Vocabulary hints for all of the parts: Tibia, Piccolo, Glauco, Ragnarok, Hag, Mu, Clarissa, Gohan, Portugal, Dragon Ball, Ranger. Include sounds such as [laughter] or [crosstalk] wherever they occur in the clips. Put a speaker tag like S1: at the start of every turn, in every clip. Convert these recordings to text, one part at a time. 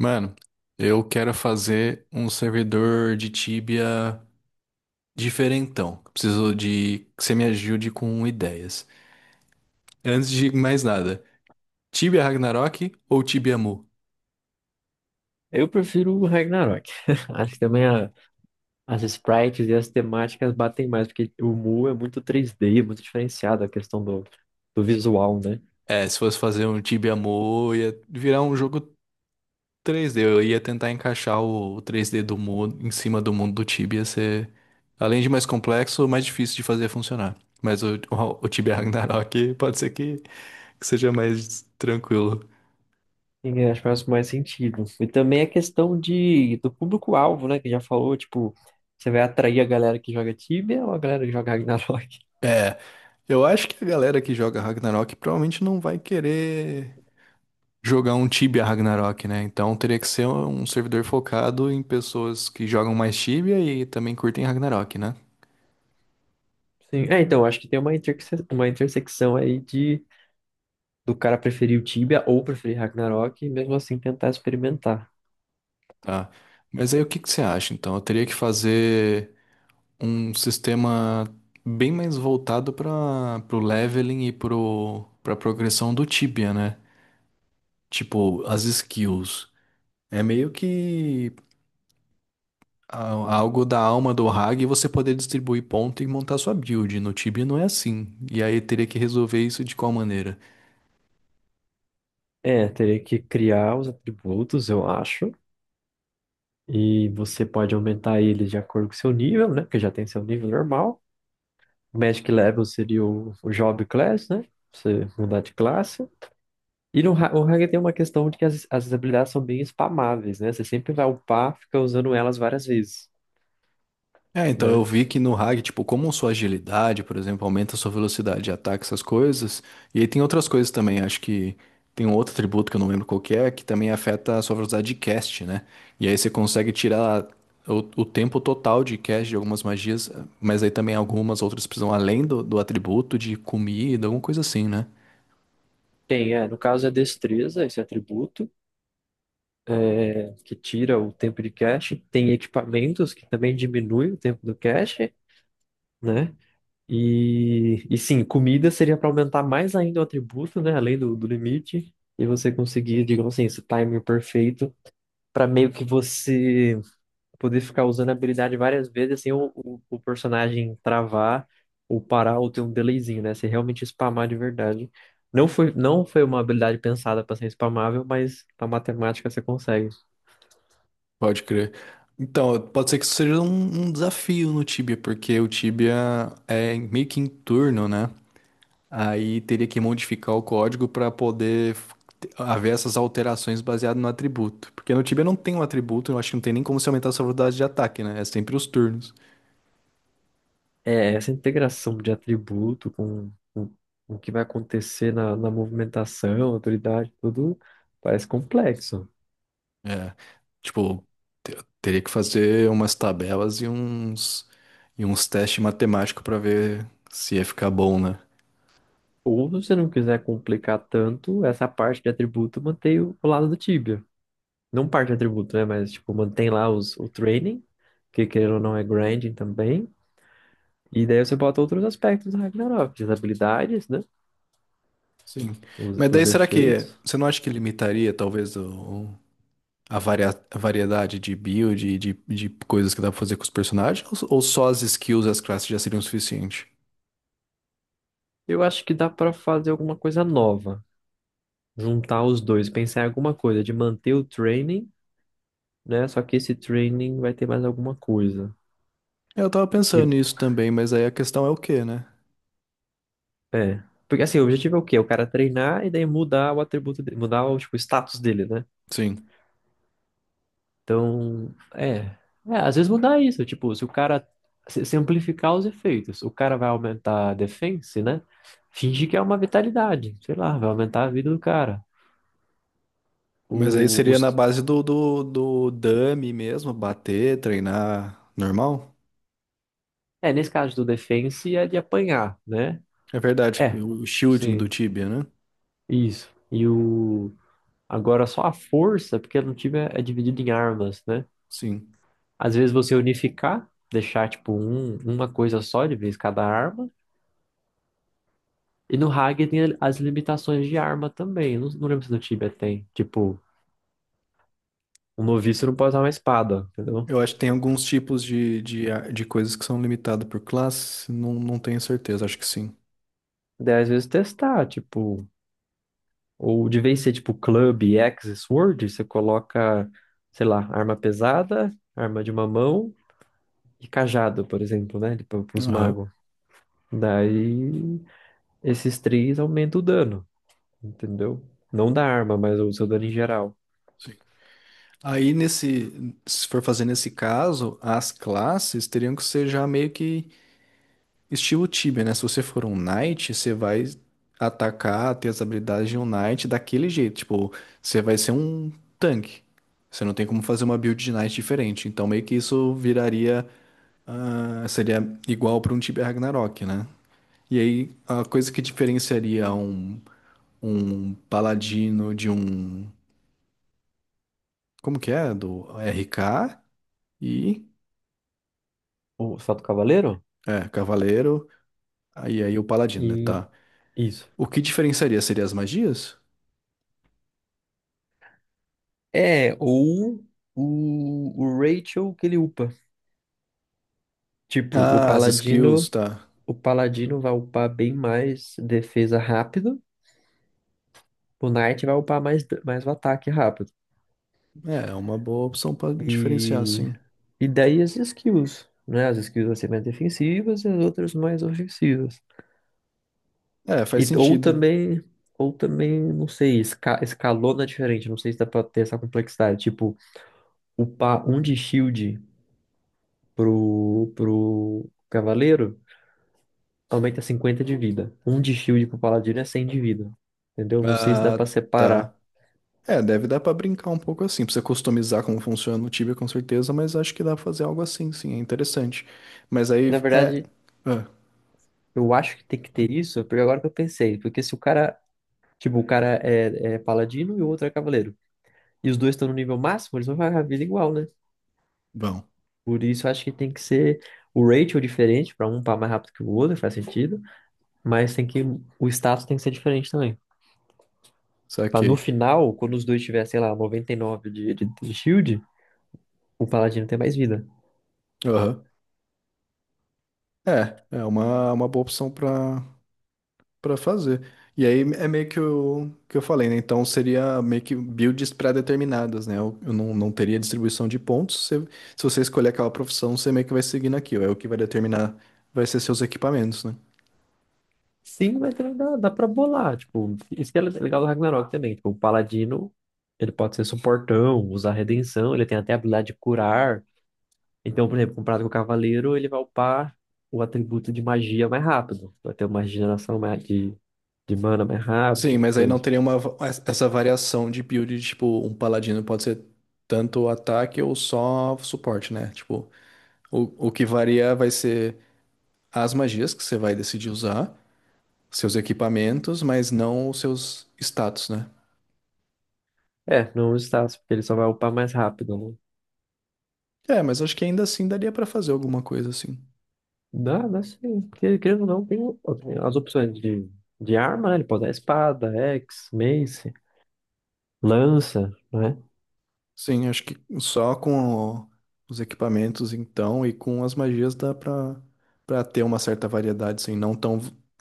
S1: Mano, eu quero fazer um servidor de Tibia diferentão. Preciso de que você me ajude com ideias. Antes de mais nada, Tibia Ragnarok ou Tibia Mu?
S2: Eu prefiro o Ragnarok. [laughs] Acho que também as sprites e as temáticas batem mais, porque o Mu é muito 3D, é muito diferenciado a questão do visual, né?
S1: É, se fosse fazer um Tibia Mu, ia virar um jogo três d. Eu ia tentar encaixar o três d do Mu em cima do mundo do Tibia, ia ser, além de mais complexo, mais difícil de fazer funcionar. Mas o Tibia Ragnarok [laughs] pode ser que seja mais tranquilo.
S2: E acho que faz mais sentido. E também a questão do público-alvo, né? Que já falou, tipo, você vai atrair a galera que joga Tibia ou a galera que joga Ragnarok?
S1: É, eu acho que a galera que joga Ragnarok provavelmente não vai querer jogar um Tibia Ragnarok, né? Então teria que ser um servidor focado em pessoas que jogam mais Tibia e também curtem Ragnarok, né?
S2: [laughs] Sim. É, então, acho que tem uma, interse uma intersecção aí de do cara preferir o Tibia ou preferir Ragnarok e mesmo assim tentar experimentar.
S1: Tá. Mas aí o que que você acha? Então eu teria que fazer um sistema bem mais voltado para pro leveling e pro para progressão do Tibia, né? Tipo, as skills. É meio que algo da alma do Hag e você poder distribuir ponto e montar sua build. No Tibia não é assim. E aí teria que resolver isso de qual maneira?
S2: É, teria que criar os atributos, eu acho. E você pode aumentar ele de acordo com seu nível, né? Porque já tem seu nível normal. O Magic Level seria o Job Class, né? Você mudar de classe. E no, o Ranger tem uma questão de que as habilidades são bem spamáveis, né? Você sempre vai upar, fica usando elas várias vezes,
S1: É, então eu
S2: né?
S1: vi que no Hag, tipo, como sua agilidade, por exemplo, aumenta sua velocidade de ataque, essas coisas. E aí tem outras coisas também, acho que tem um outro atributo que eu não lembro qual que é, que também afeta a sua velocidade de cast, né? E aí você consegue tirar o tempo total de cast de algumas magias, mas aí também algumas outras precisam, além do atributo de comida, alguma coisa assim, né?
S2: Tem, é, no caso é destreza, esse atributo, é, que tira o tempo de cache. Tem equipamentos, que também diminui o tempo do cache, né? E sim, comida seria para aumentar mais ainda o atributo, né? Além do limite. E você conseguir, digamos assim, esse timer perfeito para meio que você poder ficar usando a habilidade várias vezes sem o personagem travar ou parar ou ter um delayzinho, né? Você realmente spamar de verdade. Não foi uma habilidade pensada para ser spamável, mas a matemática você consegue.
S1: Pode crer. Então, pode ser que isso seja um desafio no Tibia, porque o Tibia é meio que em turno, né? Aí teria que modificar o código para poder haver essas alterações baseadas no atributo. Porque no Tibia não tem um atributo, eu acho que não tem nem como se aumentar a sua velocidade de ataque, né? É sempre os turnos.
S2: É essa integração de atributo com com o que vai acontecer na movimentação, autoridade, tudo parece complexo.
S1: É, tipo, teria que fazer umas tabelas e e uns testes matemáticos para ver se ia ficar bom, né?
S2: Ou se você não quiser complicar tanto, essa parte de atributo mantém o lado do Tibia. Não parte de atributo, né? Mas tipo, mantém lá o training, que querendo ou não é grinding também. E daí você bota outros aspectos do Ragnarok, as habilidades, né?
S1: Sim. Mas daí
S2: Os
S1: será que
S2: efeitos.
S1: você não acha que limitaria talvez a variedade de build e de coisas que dá pra fazer com os personagens? Ou só as skills e as classes já seriam o suficiente?
S2: Eu acho que dá pra fazer alguma coisa nova. Juntar os dois, pensar em alguma coisa de manter o training, né? Só que esse training vai ter mais alguma coisa.
S1: Eu tava pensando
S2: Que
S1: nisso também, mas aí a questão é o quê, né?
S2: é. Porque assim, o objetivo é o quê? O cara treinar e daí mudar o atributo dele, mudar o, tipo, o status dele, né?
S1: Sim.
S2: Então, é. É, às vezes mudar isso, tipo, se o cara se amplificar os efeitos, o cara vai aumentar a defense, né? Fingir que é uma vitalidade, sei lá, vai aumentar a vida do cara. O,
S1: Mas aí seria na
S2: os,
S1: base do dummy mesmo, bater, treinar normal?
S2: é, nesse caso do defense é de apanhar, né?
S1: É verdade,
S2: É,
S1: o shielding do
S2: sim,
S1: Tibia, né?
S2: isso. E o agora, só a força, porque no time é dividido em armas, né?
S1: Sim.
S2: Às vezes você unificar, deixar tipo um, uma coisa só de vez cada arma. E no Hag tem as limitações de arma também. Não lembro se no Tibia tem. Tipo, um noviço não pode usar uma espada, entendeu?
S1: Eu acho que tem alguns tipos de coisas que são limitadas por classe, não, não tenho certeza, acho que sim.
S2: Daí às vezes testar, tipo, ou de vez ser tipo club, axe, sword, você coloca, sei lá, arma pesada, arma de uma mão e cajado, por exemplo, né? Para os
S1: Aham,
S2: magos. Daí esses três aumentam o dano, entendeu? Não da arma, mas o seu dano em geral.
S1: sim. Aí nesse, se for fazer nesse caso, as classes teriam que ser já meio que estilo Tibia, né? Se você for um knight, você vai atacar, ter as habilidades de um knight daquele jeito, tipo, você vai ser um tanque. Você não tem como fazer uma build de knight diferente, então meio que isso viraria, ah, seria igual para um Tibia Ragnarok, né? E aí a coisa que diferenciaria um paladino de um como que é? Do RK. E
S2: O Salto Cavaleiro?
S1: é, cavaleiro, aí o paladino, né,
S2: E
S1: tá?
S2: isso.
S1: O que diferenciaria seria as magias?
S2: É, ou o Rachel que ele upa. Tipo,
S1: Ah, as skills, tá.
S2: o paladino vai upar bem mais defesa rápido, o knight vai upar mais o ataque rápido.
S1: É, é uma boa opção pra diferenciar,
S2: E,
S1: sim.
S2: e daí as skills, né? As skills vão ser mais defensivas e as outras mais ofensivas.
S1: É, faz
S2: E, ou
S1: sentido.
S2: também, ou também, não sei, escalona diferente, não sei se dá pra ter essa complexidade, tipo upar um de shield pro cavaleiro aumenta 50 de vida. Um de shield pro paladino é 100 de vida. Entendeu? Não sei se dá
S1: Ah,
S2: pra
S1: tá.
S2: separar.
S1: É, deve dar pra brincar um pouco assim, precisa customizar como funciona o Tibia com certeza, mas acho que dá pra fazer algo assim, sim, é interessante. Mas aí
S2: Na
S1: é,
S2: verdade,
S1: ah,
S2: eu acho que tem que ter isso, porque agora que eu pensei, porque se o cara, tipo, o cara é paladino e o outro é cavaleiro, e os dois estão no nível máximo, eles vão ficar com a vida igual, né?
S1: bom,
S2: Por isso, eu acho que tem que ser o ratio diferente, pra um upar mais rápido que o outro, faz sentido, mas tem que, o status tem que ser diferente também. Pra no
S1: saquei.
S2: final, quando os dois tiverem, sei lá, 99 de shield, o paladino tem mais vida.
S1: Aham. É, é uma boa opção pra pra fazer. E aí é meio que o que eu falei, né? Então seria meio que builds pré-determinadas, né? Eu não, não teria distribuição de pontos. Se você escolher aquela profissão, você meio que vai seguindo aquilo. É o que vai determinar, vai ser seus equipamentos, né?
S2: Sim, mas também dá pra bolar, tipo, isso que é legal do Ragnarok também, tipo, o paladino, ele pode ser suportão, usar redenção, ele tem até a habilidade de curar. Então, por exemplo, comparado com o cavaleiro, ele vai upar o atributo de magia mais rápido, vai ter uma regeneração mais de mana mais rápido,
S1: Sim,
S2: tipo de
S1: mas aí não
S2: coisa.
S1: teria essa variação de build, tipo, um paladino pode ser tanto ataque ou só suporte, né? Tipo, o que varia vai ser as magias que você vai decidir usar, seus equipamentos, mas não os seus status, né?
S2: É, não o status, porque ele só vai upar mais rápido, né?
S1: É, mas acho que ainda assim daria pra fazer alguma coisa assim.
S2: Dá, dá sim. Porque, querendo ou não, tem as opções de arma, né? Ele pode dar espada, axe, mace, lança, né?
S1: Sim, acho que só com o- os equipamentos então e com as magias dá pra para ter uma certa variedade, assim, não tão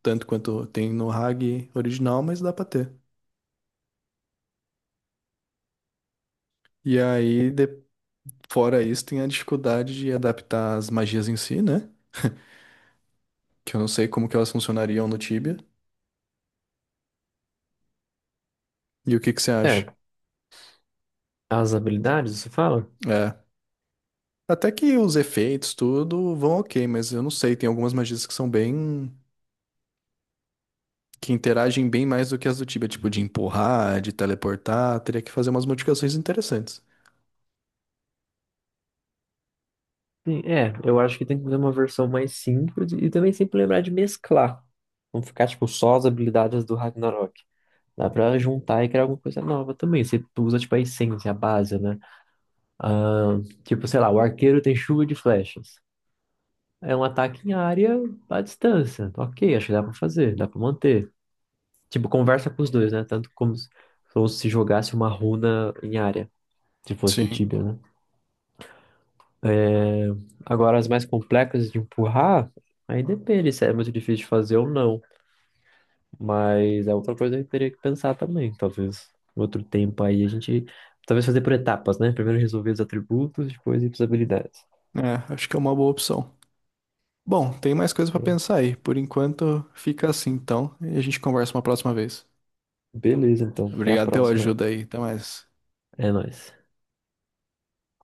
S1: tanto quanto tem no Hag original, mas dá pra ter. E aí, fora isso, tem a dificuldade de adaptar as magias em si, né? Que eu não sei como que elas funcionariam no Tibia. E o que que você
S2: É,
S1: acha?
S2: as habilidades, você fala?
S1: É. Até que os efeitos, tudo, vão ok, mas eu não sei, tem algumas magias que são bem. Que interagem bem mais do que as do Tibia, tipo de empurrar, de teleportar, teria que fazer umas modificações interessantes.
S2: Sim, é, eu acho que tem que fazer uma versão mais simples e também sempre lembrar de mesclar. Não ficar, tipo, só as habilidades do Ragnarok. Dá pra juntar e criar alguma coisa nova também. Você usa, tipo, a essência, a base, né? Ah, tipo, sei lá, o arqueiro tem chuva de flechas. É um ataque em área à distância. Ok, acho que dá pra fazer, dá pra manter. Tipo, conversa com os dois, né? Tanto como se jogasse uma runa em área, se fosse do
S1: Sim,
S2: Tibia, né? É, agora, as mais complexas de empurrar, aí depende se é muito difícil de fazer ou não. Mas é outra coisa que eu teria que pensar também, talvez. Outro tempo aí, a gente... Talvez fazer por etapas, né? Primeiro resolver os atributos, depois ir para as habilidades.
S1: é, acho que é uma boa opção. Bom, tem mais coisa pra pensar aí. Por enquanto, fica assim então, e a gente conversa uma próxima vez.
S2: Beleza, então. Até a
S1: Obrigado pela
S2: próxima aí.
S1: ajuda aí, até mais.
S2: É nóis.